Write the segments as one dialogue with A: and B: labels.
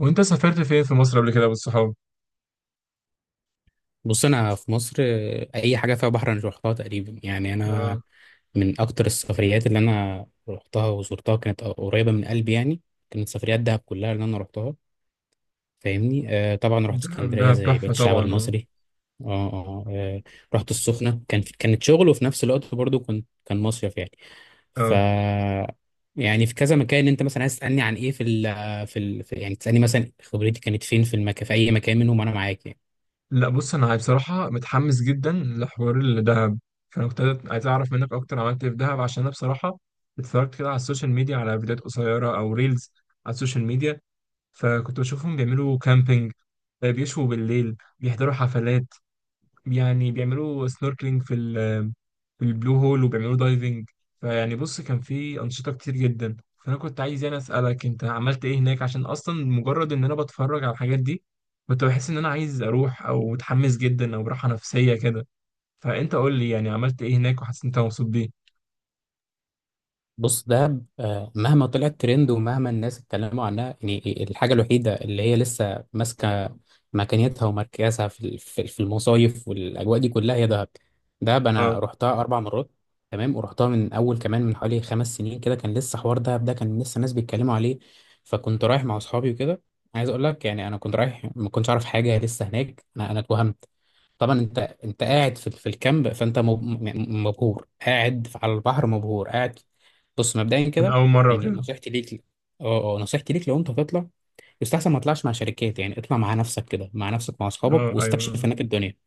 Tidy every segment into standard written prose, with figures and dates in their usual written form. A: وانت سافرت فين في مصر قبل كده بالصحاب؟
B: بص انا في مصر اي حاجه فيها بحر انا روحتها تقريبا يعني انا
A: اه.
B: من اكتر السفريات اللي انا روحتها وزرتها كانت قريبه من قلبي يعني. كانت سفريات دهب كلها اللي انا روحتها. فاهمني؟ آه طبعا رحت
A: دهب
B: اسكندريه
A: دهب
B: زي بقية
A: تحفة
B: الشعب
A: طبعا، اه.
B: المصري. اه. اه آه، رحت السخنه كانت شغل وفي نفس الوقت برضو كان مصيف يعني. ف
A: اه،
B: يعني في كذا مكان انت مثلا عايز تسالني عن ايه في يعني تسالني مثلا خبرتي كانت فين في المكان في اي مكان منهم، انا معاك يعني.
A: لا بص، انا بصراحة متحمس جدا لحوار الدهب. فانا كنت عايز اعرف منك اكتر عملت ايه في دهب، عشان انا بصراحة اتفرجت كده على السوشيال ميديا، على فيديوهات قصيرة او ريلز على السوشيال ميديا. فكنت بشوفهم بيعملوا كامبينج، بيشوا بالليل، بيحضروا حفلات. يعني بيعملوا سنوركلينج في والبلو هول، وبيعملوا دايفنج. فيعني بص، كان في أنشطة كتير جدا. فأنا كنت عايز يعني أسألك أنت عملت إيه هناك، عشان أصلا مجرد إن أنا بتفرج على الحاجات دي كنت بحس إن أنا عايز أروح أو متحمس جدا أو براحة نفسية كده. فأنت قول لي يعني عملت إيه هناك وحسيت أنت مبسوط بيه.
B: بص دهب مهما طلعت ترند ومهما الناس اتكلموا عنها، يعني الحاجة الوحيدة اللي هي لسه ماسكة مكانتها ومركزها في ال- في في المصايف والأجواء دي كلها هي دهب. دهب أنا
A: أه.
B: رحتها أربع مرات. تمام. ورحتها من أول كمان من حوالي خمس سنين كده. كان لسه حوار دهب ده، كان لسه الناس بيتكلموا عليه. فكنت رايح مع أصحابي وكده. عايز أقول لك يعني أنا كنت رايح ما كنتش أعرف حاجة لسه هناك. أنا اتوهمت. طبعا انت قاعد في الكامب، فانت مبهور قاعد على البحر، مبهور قاعد. بص مبدئيا
A: كان
B: كده،
A: أول مرة
B: يعني
A: وكده.
B: نصيحتي ليك، اه نصيحتي ليك لو انت هتطلع، يستحسن ما تطلعش مع شركات. يعني اطلع مع نفسك كده، مع نفسك مع اصحابك،
A: أه،
B: واستكشف
A: أيوه.
B: هناك الدنيا.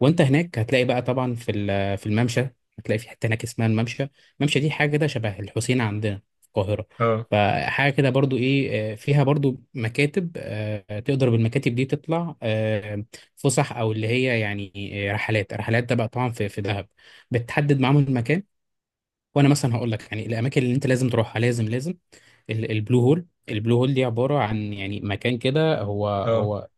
B: وانت هناك هتلاقي بقى طبعا في الممشى. هتلاقي في حته هناك اسمها الممشى. الممشى دي حاجه كده شبه الحسين عندنا في القاهره.
A: أه.
B: فحاجه كده برضو ايه فيها برضو مكاتب، تقدر بالمكاتب دي تطلع فسح، او اللي هي يعني رحلات. ده بقى طبعا في دهب. بتحدد معاهم المكان. وانا مثلا هقول لك يعني الاماكن اللي انت لازم تروحها، لازم البلو هول. البلو هول دي عبارة عن يعني مكان كده، هو
A: أه.
B: هو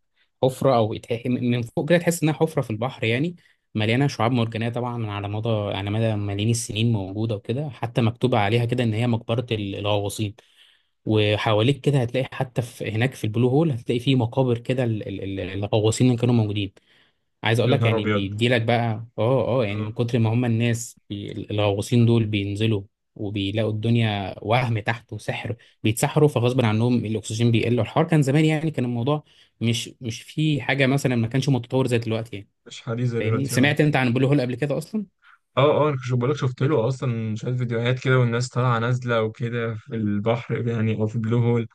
B: حفرة، أو من فوق كده تحس إنها حفرة في البحر يعني، مليانة شعاب مرجانية طبعا، على مدى ملايين السنين موجودة وكده. حتى مكتوبة عليها كده إن هي مقبرة الغواصين. وحواليك كده هتلاقي، حتى في هناك في البلو هول هتلاقي فيه مقابر كده الغواصين اللي كانوا موجودين. عايز اقول
A: يا
B: لك
A: نهار
B: يعني،
A: أبيض.
B: بيديلك بقى يعني من
A: أه.
B: كتر ما هم الناس الغواصين دول بينزلوا وبيلاقوا الدنيا وهم تحت، وسحر فغصب عنهم الاكسجين بيقل. الحوار كان زمان يعني، كان الموضوع مش مش في حاجه مثلا ما كانش متطور زي دلوقتي يعني.
A: مش حديث زي
B: فاهمني؟
A: دلوقتي، أه.
B: سمعت انت عن بلو هول قبل كده اصلا؟
A: اه، اه، انا كنت بقولك شفت له اصلا شويه فيديوهات كده، والناس طالعه نازله وكده في البحر، يعني او في البلو هول.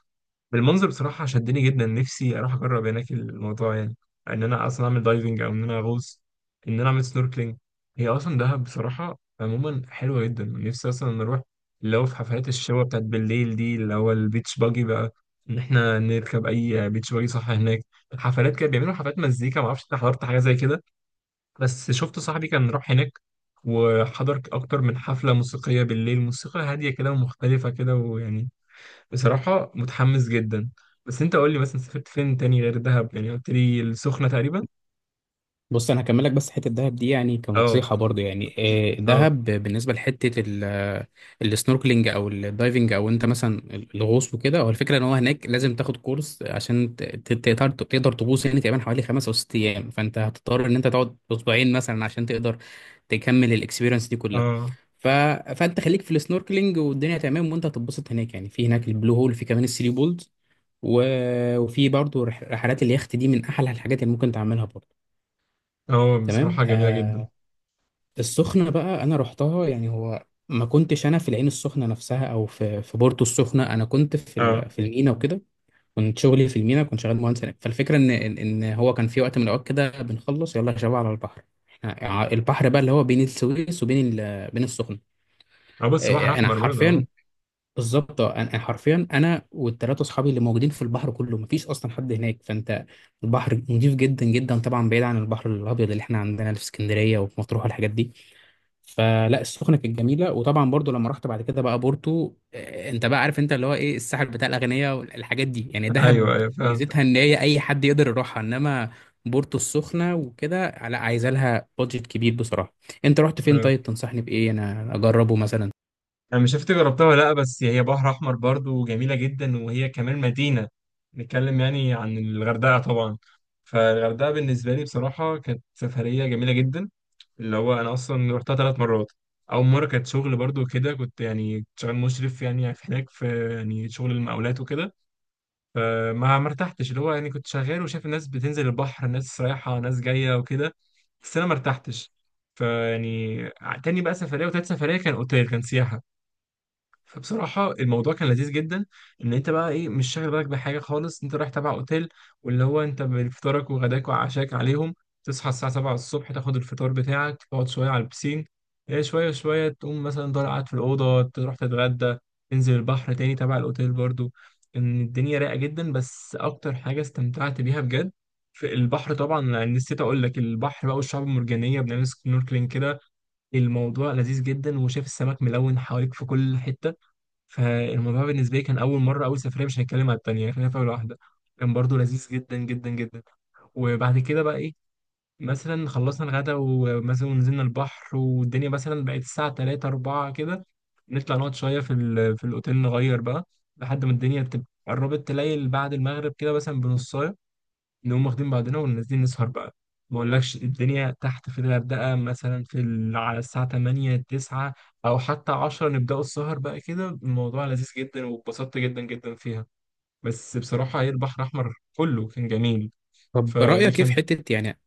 A: بالمنظر بصراحة شدني جدا، نفسي أروح أجرب هناك الموضوع، يعني إن أنا أصلا أعمل دايفنج أو إن أنا أغوص، إن أنا أعمل سنوركلينج. هي أصلا دهب بصراحة عموما حلوة جدا، نفسي أصلا إن أروح، اللي هو في حفلات الشوا بتاعت بالليل دي، اللي هو البيتش باجي بقى، إن إحنا نركب أي بيتش باجي، صح؟ هناك حفلات كده، بيعملوا حفلات مزيكا، معرفش أنت حضرت حاجة زي كده، بس شفت صاحبي كان راح هناك وحضر أكتر من حفلة موسيقية بالليل، موسيقى هادية كده ومختلفة كده، ويعني بصراحة متحمس جدا. بس انت قول لي مثلا سافرت فين تاني غير دهب، يعني قلت لي السخنة تقريبا.
B: بص انا هكمل لك بس حته الدهب دي يعني
A: اه.
B: كنصيحه برضو يعني.
A: اه.
B: دهب بالنسبه لحته السنوركلينج او الدايفنج، او انت مثلا الغوص وكده، هو الفكره ان هو هناك لازم تاخد كورس عشان تقدر تغوص. يعني تقريبا حوالي خمس او ست ايام، فانت هتضطر ان انت تقعد اسبوعين مثلا عشان تقدر تكمل الاكسبيرينس دي كلها.
A: اه.
B: ف... فانت خليك في السنوركلينج والدنيا تمام، وانت هتتبسط هناك يعني. في هناك البلو هول، في كمان الثري بولز، و... وفي برضو رحلات اليخت دي من احلى الحاجات اللي ممكن تعملها برضو.
A: اه،
B: تمام.
A: بصراحة جميلة جدا.
B: آه. السخنة بقى أنا رحتها، يعني هو ما كنتش أنا في العين السخنة نفسها، أو في في بورتو السخنة. أنا كنت في
A: اه.
B: ال- في المينا وكده. كنت شغلي في المينا، كنت شغال مهندس هناك. فالفكرة إن هو كان في وقت من الأوقات كده بنخلص يلا يا شباب على البحر. البحر بقى اللي هو بين السويس وبين بين السخنة.
A: اه، بس بحر
B: أنا
A: احمر برضه، اه.
B: حرفيا بالظبط. اه. أنا حرفيا، انا والثلاثه اصحابي اللي موجودين في البحر كله، مفيش اصلا حد هناك. فانت البحر نضيف جدا جدا، طبعا بعيد عن البحر الابيض اللي احنا عندنا في اسكندريه وفي مطروح والحاجات دي. فلا السخنه كانت جميله. وطبعا برضو لما رحت بعد كده بقى بورتو، انت بقى عارف انت اللي هو ايه، الساحل بتاع الاغنياء والحاجات دي. يعني
A: ايوه،
B: دهب
A: ايوه، فهمت.
B: ميزتها ان هي اي حد يقدر يروحها، انما بورتو السخنه وكده لا، عايزه لها بادجت كبير بصراحه. انت رحت فين؟
A: اه،
B: طيب تنصحني بايه انا اجربه مثلا؟
A: انا مش عارف إنت جربتها ولا لا، بس هي بحر احمر برضه وجميلة جدا، وهي كمان مدينة، نتكلم يعني عن الغردقة طبعا. فالغردقة بالنسبة لي بصراحة كانت سفرية جميلة جدا، اللي هو انا اصلا رحتها ثلاث مرات. اول مره كانت شغل برضو، كده كنت يعني كنت شغال مشرف يعني في هناك، في يعني شغل المقاولات وكده، فما ما ارتحتش، اللي هو يعني كنت شغال وشايف الناس بتنزل البحر، ناس رايحه، ناس جايه وكده، بس انا ما ارتحتش. فيعني تاني بقى سفريه وتالت سفريه كان اوتيل، كان سياحه. فبصراحة الموضوع كان لذيذ جدا، ان انت بقى ايه مش شاغل بالك بحاجة خالص، انت رايح تبع اوتيل، واللي هو انت بفطارك وغداك وعشاك عليهم. تصحى الساعة 7 الصبح، تاخد الفطار بتاعك، تقعد شوية على البسين، ايه شوية شوية، تقوم مثلا ضايع قاعد في الأوضة، تروح تتغدى، تنزل البحر تاني تبع الاوتيل برضو. ان الدنيا رايقة جدا، بس اكتر حاجة استمتعت بيها بجد في البحر طبعا. يعني نسيت اقول لك، البحر بقى والشعاب المرجانية بنعمل سنوركلينج كده، الموضوع لذيذ جدا، وشايف السمك ملون حواليك في كل حتة. فالموضوع بالنسبه لي كان اول مره، اول سفريه، مش هنتكلم على التانيه، خلينا في اول واحده، كان برضو لذيذ جدا جدا جدا. وبعد كده بقى ايه، مثلا خلصنا الغدا ومثلا نزلنا البحر، والدنيا مثلا بقت الساعه 3 4 كده، نطلع نقعد شويه في الاوتيل، نغير بقى، لحد ما الدنيا تبقى قربت تليل بعد المغرب كده مثلا بنص، نقوم واخدين بعضنا ونازلين نسهر بقى. ما اقولكش الدنيا تحت في الغردقة مثلا على الساعة 8 9 او حتى 10 نبدأوا السهر بقى كده، الموضوع لذيذ جدا واتبسطت جدا جدا فيها. بس بصراحة هي البحر الأحمر كله كان جميل.
B: طب
A: فدي
B: رايك ايه في
A: كان.
B: حته يعني؟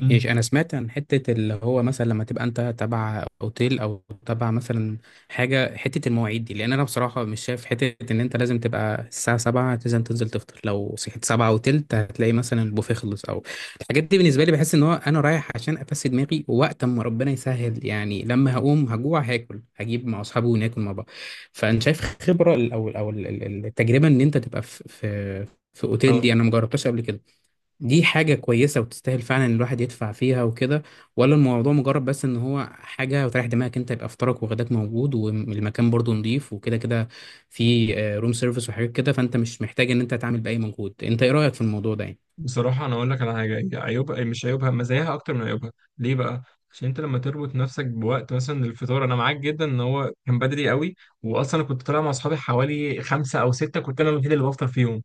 A: مم.
B: ماشي. انا سمعت عن حته اللي هو مثلا لما تبقى انت تبع اوتيل، او تبع مثلا حاجه، حته المواعيد دي. لان انا بصراحه مش شايف حته ان انت لازم تبقى الساعه 7 لازم تنزل تفطر. لو صحيت 7 وتلت هتلاقي مثلا البوفيه خلص، او الحاجات دي، بالنسبه لي بحس ان هو انا رايح عشان افسد دماغي ووقت اما ربنا يسهل. يعني لما هقوم هجوع هاكل، هجيب مع اصحابي وناكل مع بعض. فانا شايف خبره او التجربه ان انت تبقى في اوتيل،
A: اه،
B: دي انا مجربتهاش قبل كده. دي حاجة كويسة وتستاهل فعلا إن الواحد يدفع فيها وكده؟ ولا الموضوع مجرد بس ان هو حاجة وتريح دماغك انت، يبقى فطارك وغداك موجود، والمكان برضو نضيف وكده كده، في روم سيرفيس وحاجات كده، فانت مش محتاج ان انت تعمل بأي مجهود؟ انت ايه رأيك في الموضوع ده يعني؟
A: بصراحة أنا أقول لك على حاجة، هي عيوبها مش عيوبها، مزاياها أكتر من عيوبها. ليه بقى؟ عشان أنت لما تربط نفسك بوقت مثلا الفطار، أنا معاك جدا إن هو كان بدري قوي. وأصلا أنا كنت طالع مع أصحابي حوالي خمسة أو ستة، كنت أنا الوحيد اللي بفطر فيهم،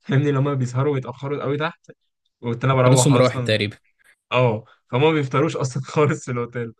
A: فاهمني. لما بيسهروا ويتأخروا قوي تحت، قلت انا
B: خلاص
A: بروح
B: راحت
A: اصلا.
B: تقريبا.
A: اه، فهم ما بيفطروش اصلا خالص في الاوتيل.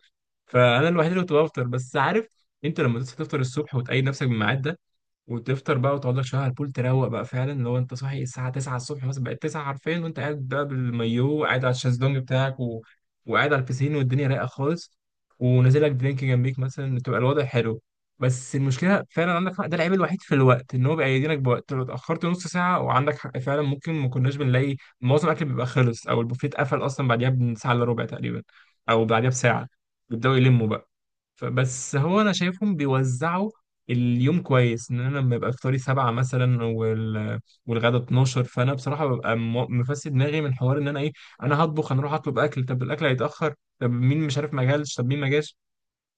A: فانا الوحيد اللي كنت بفطر. بس عارف انت لما تصحى تفطر الصبح وتقيد نفسك بالميعاد ده وتفطر بقى وتقعد لك شويه على البول تروق بقى، فعلا لو انت صاحي الساعه 9 الصبح مثلا بقت 9 حرفيا وانت قاعد بقى بالمايو، قاعد على الشезлونج بتاعك وقاعد على البسين والدنيا رايقه خالص، ونازل لك درينك جنبيك مثلا، تبقى الوضع حلو. بس المشكله فعلا عندك حق، ده العيب الوحيد في الوقت، ان هو بيأيدينك بوقت، لو اتاخرت نص ساعه وعندك حق فعلا ممكن ما كناش بنلاقي معظم الاكل، بيبقى خلص او البوفيه اتقفل اصلا بعديها بساعه الا ربع تقريبا، او بعديها بساعه بيبداوا يلموا بقى. فبس هو انا شايفهم بيوزعوا اليوم كويس، ان انا لما يبقى افطاري سبعة مثلا والغدا 12، فانا بصراحه ببقى مفسد دماغي من حوار ان انا ايه، انا هطبخ، انا اروح اطلب اكل، طب الاكل هيتاخر، طب مين مش عارف ما جالش، طب مين ما جاش.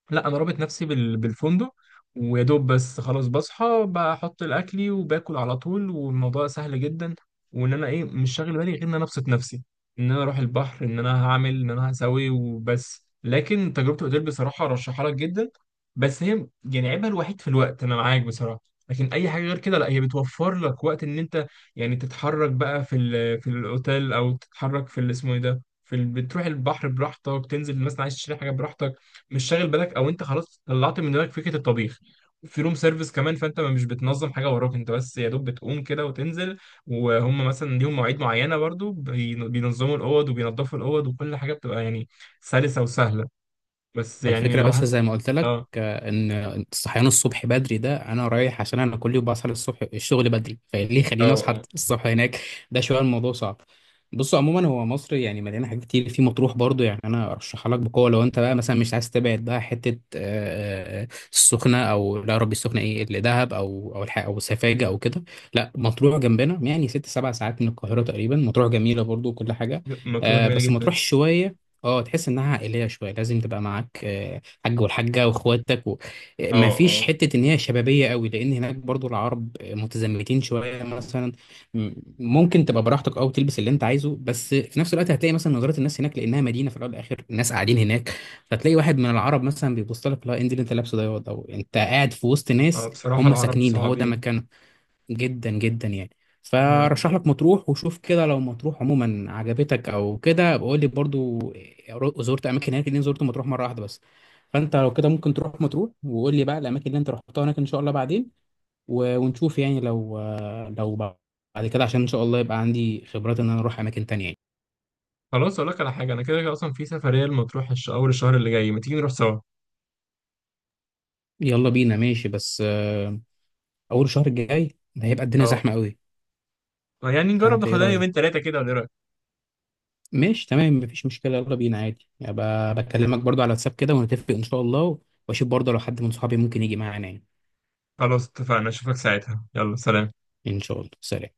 A: لا انا رابط نفسي بالفندق، ويا دوب بس خلاص بصحى بحط الاكلي وباكل على طول، والموضوع سهل جدا، وان انا ايه مش شاغل بالي غير ان انا ابسط نفسي، ان انا اروح البحر، ان انا هعمل، ان انا هسوي وبس. لكن تجربه الاوتيل بصراحه ارشحها لك جدا. بس هي يعني عيبها الوحيد في الوقت، انا معاك بصراحه، لكن اي حاجه غير كده لا، هي بتوفر لك وقت ان انت يعني تتحرك بقى في الاوتيل، او تتحرك في اللي اسمه ايه ده، بتروح البحر براحتك، تنزل مثلا عايز تشتري حاجه براحتك، مش شاغل بالك، او انت خلاص طلعت من دماغك فكره الطبيخ، في روم سيرفيس كمان، فانت مش بتنظم حاجه وراك، انت بس يا دوب بتقوم كده وتنزل، وهم مثلا ليهم مواعيد معينه برضو بينظموا الاوض وبينظفوا الاوض، وكل حاجه بتبقى يعني سلسه وسهله. بس يعني
B: والفكرة بس زي ما قلت لك
A: اه.
B: ان الصحيان الصبح بدري ده، انا رايح عشان انا كل يوم بصحى الصبح الشغل بدري، فليه
A: اه.
B: خليني اصحى
A: اه،
B: الصبح هناك؟ ده شوية الموضوع صعب. بصوا عموما هو مصر يعني مليانة حاجات كتير. في مطروح برضو، يعني انا ارشحها لك بقوة لو انت بقى مثلا مش عايز تبعد بقى حتة السخنة، او لا يا ربي السخنة ايه اللي، دهب او او سفاجة او كده. لا، مطروح جنبنا يعني ست سبع ساعات من القاهرة تقريبا. مطروح جميلة برضو وكل حاجة،
A: مطروحه جميله
B: بس مطروح
A: جدا.
B: شوية، اه، تحس انها عائليه شويه. لازم تبقى معاك حاج والحاجه واخواتك ما
A: اه.
B: فيش
A: اه.
B: حته ان هي شبابيه قوي، لان هناك برضو العرب متزمتين شويه مثلا. م- ممكن تبقى براحتك او تلبس اللي انت عايزه، بس في نفس الوقت هتلاقي مثلا نظره الناس هناك، لانها مدينه في الاول والاخر، الناس قاعدين هناك. فتلاقي واحد من العرب مثلا بيبص لك، لا إيه اللي انت لابسه ده ياض؟ او انت قاعد في وسط
A: اه،
B: ناس
A: بصراحه
B: هم
A: العرب
B: ساكنين، هو ده
A: صعبين.
B: مكانهم جدا جدا يعني. فرشح
A: ما-
B: لك مطروح وشوف كده. لو مطروح عموما عجبتك او كده، بقول لي برضو زرت اماكن هناك، لان زرت مطروح مره واحده بس. فانت لو كده ممكن تروح مطروح وقول لي بقى الاماكن اللي انت رحتها هناك ان شاء الله بعدين، ونشوف يعني لو لو بعد كده، عشان ان شاء الله يبقى عندي خبرات ان انا اروح اماكن تانية يعني.
A: خلاص اقول لك على حاجه، انا كده كده اصلا في سفريه لمطروح اول الشهر اللي جاي، ما تيجي نروح سوا؟
B: يلا بينا ماشي، بس اول الشهر الجاي هيبقى الدنيا
A: اه،
B: زحمه قوي.
A: يعني نجرب
B: فانت ايه
A: ناخدها
B: رايك؟
A: يومين ثلاثه كده، ولا إيه رأيك؟
B: ماشي تمام، مفيش مشكلة، يلا بينا عادي يعني. بكلمك برضو على واتساب كده ونتفق إن شاء الله، وأشوف برضو لو حد من صحابي ممكن يجي معانا يعني.
A: خلاص اتفقنا، اشوفك ساعتها، يلا سلام.
B: إن شاء الله، سلام.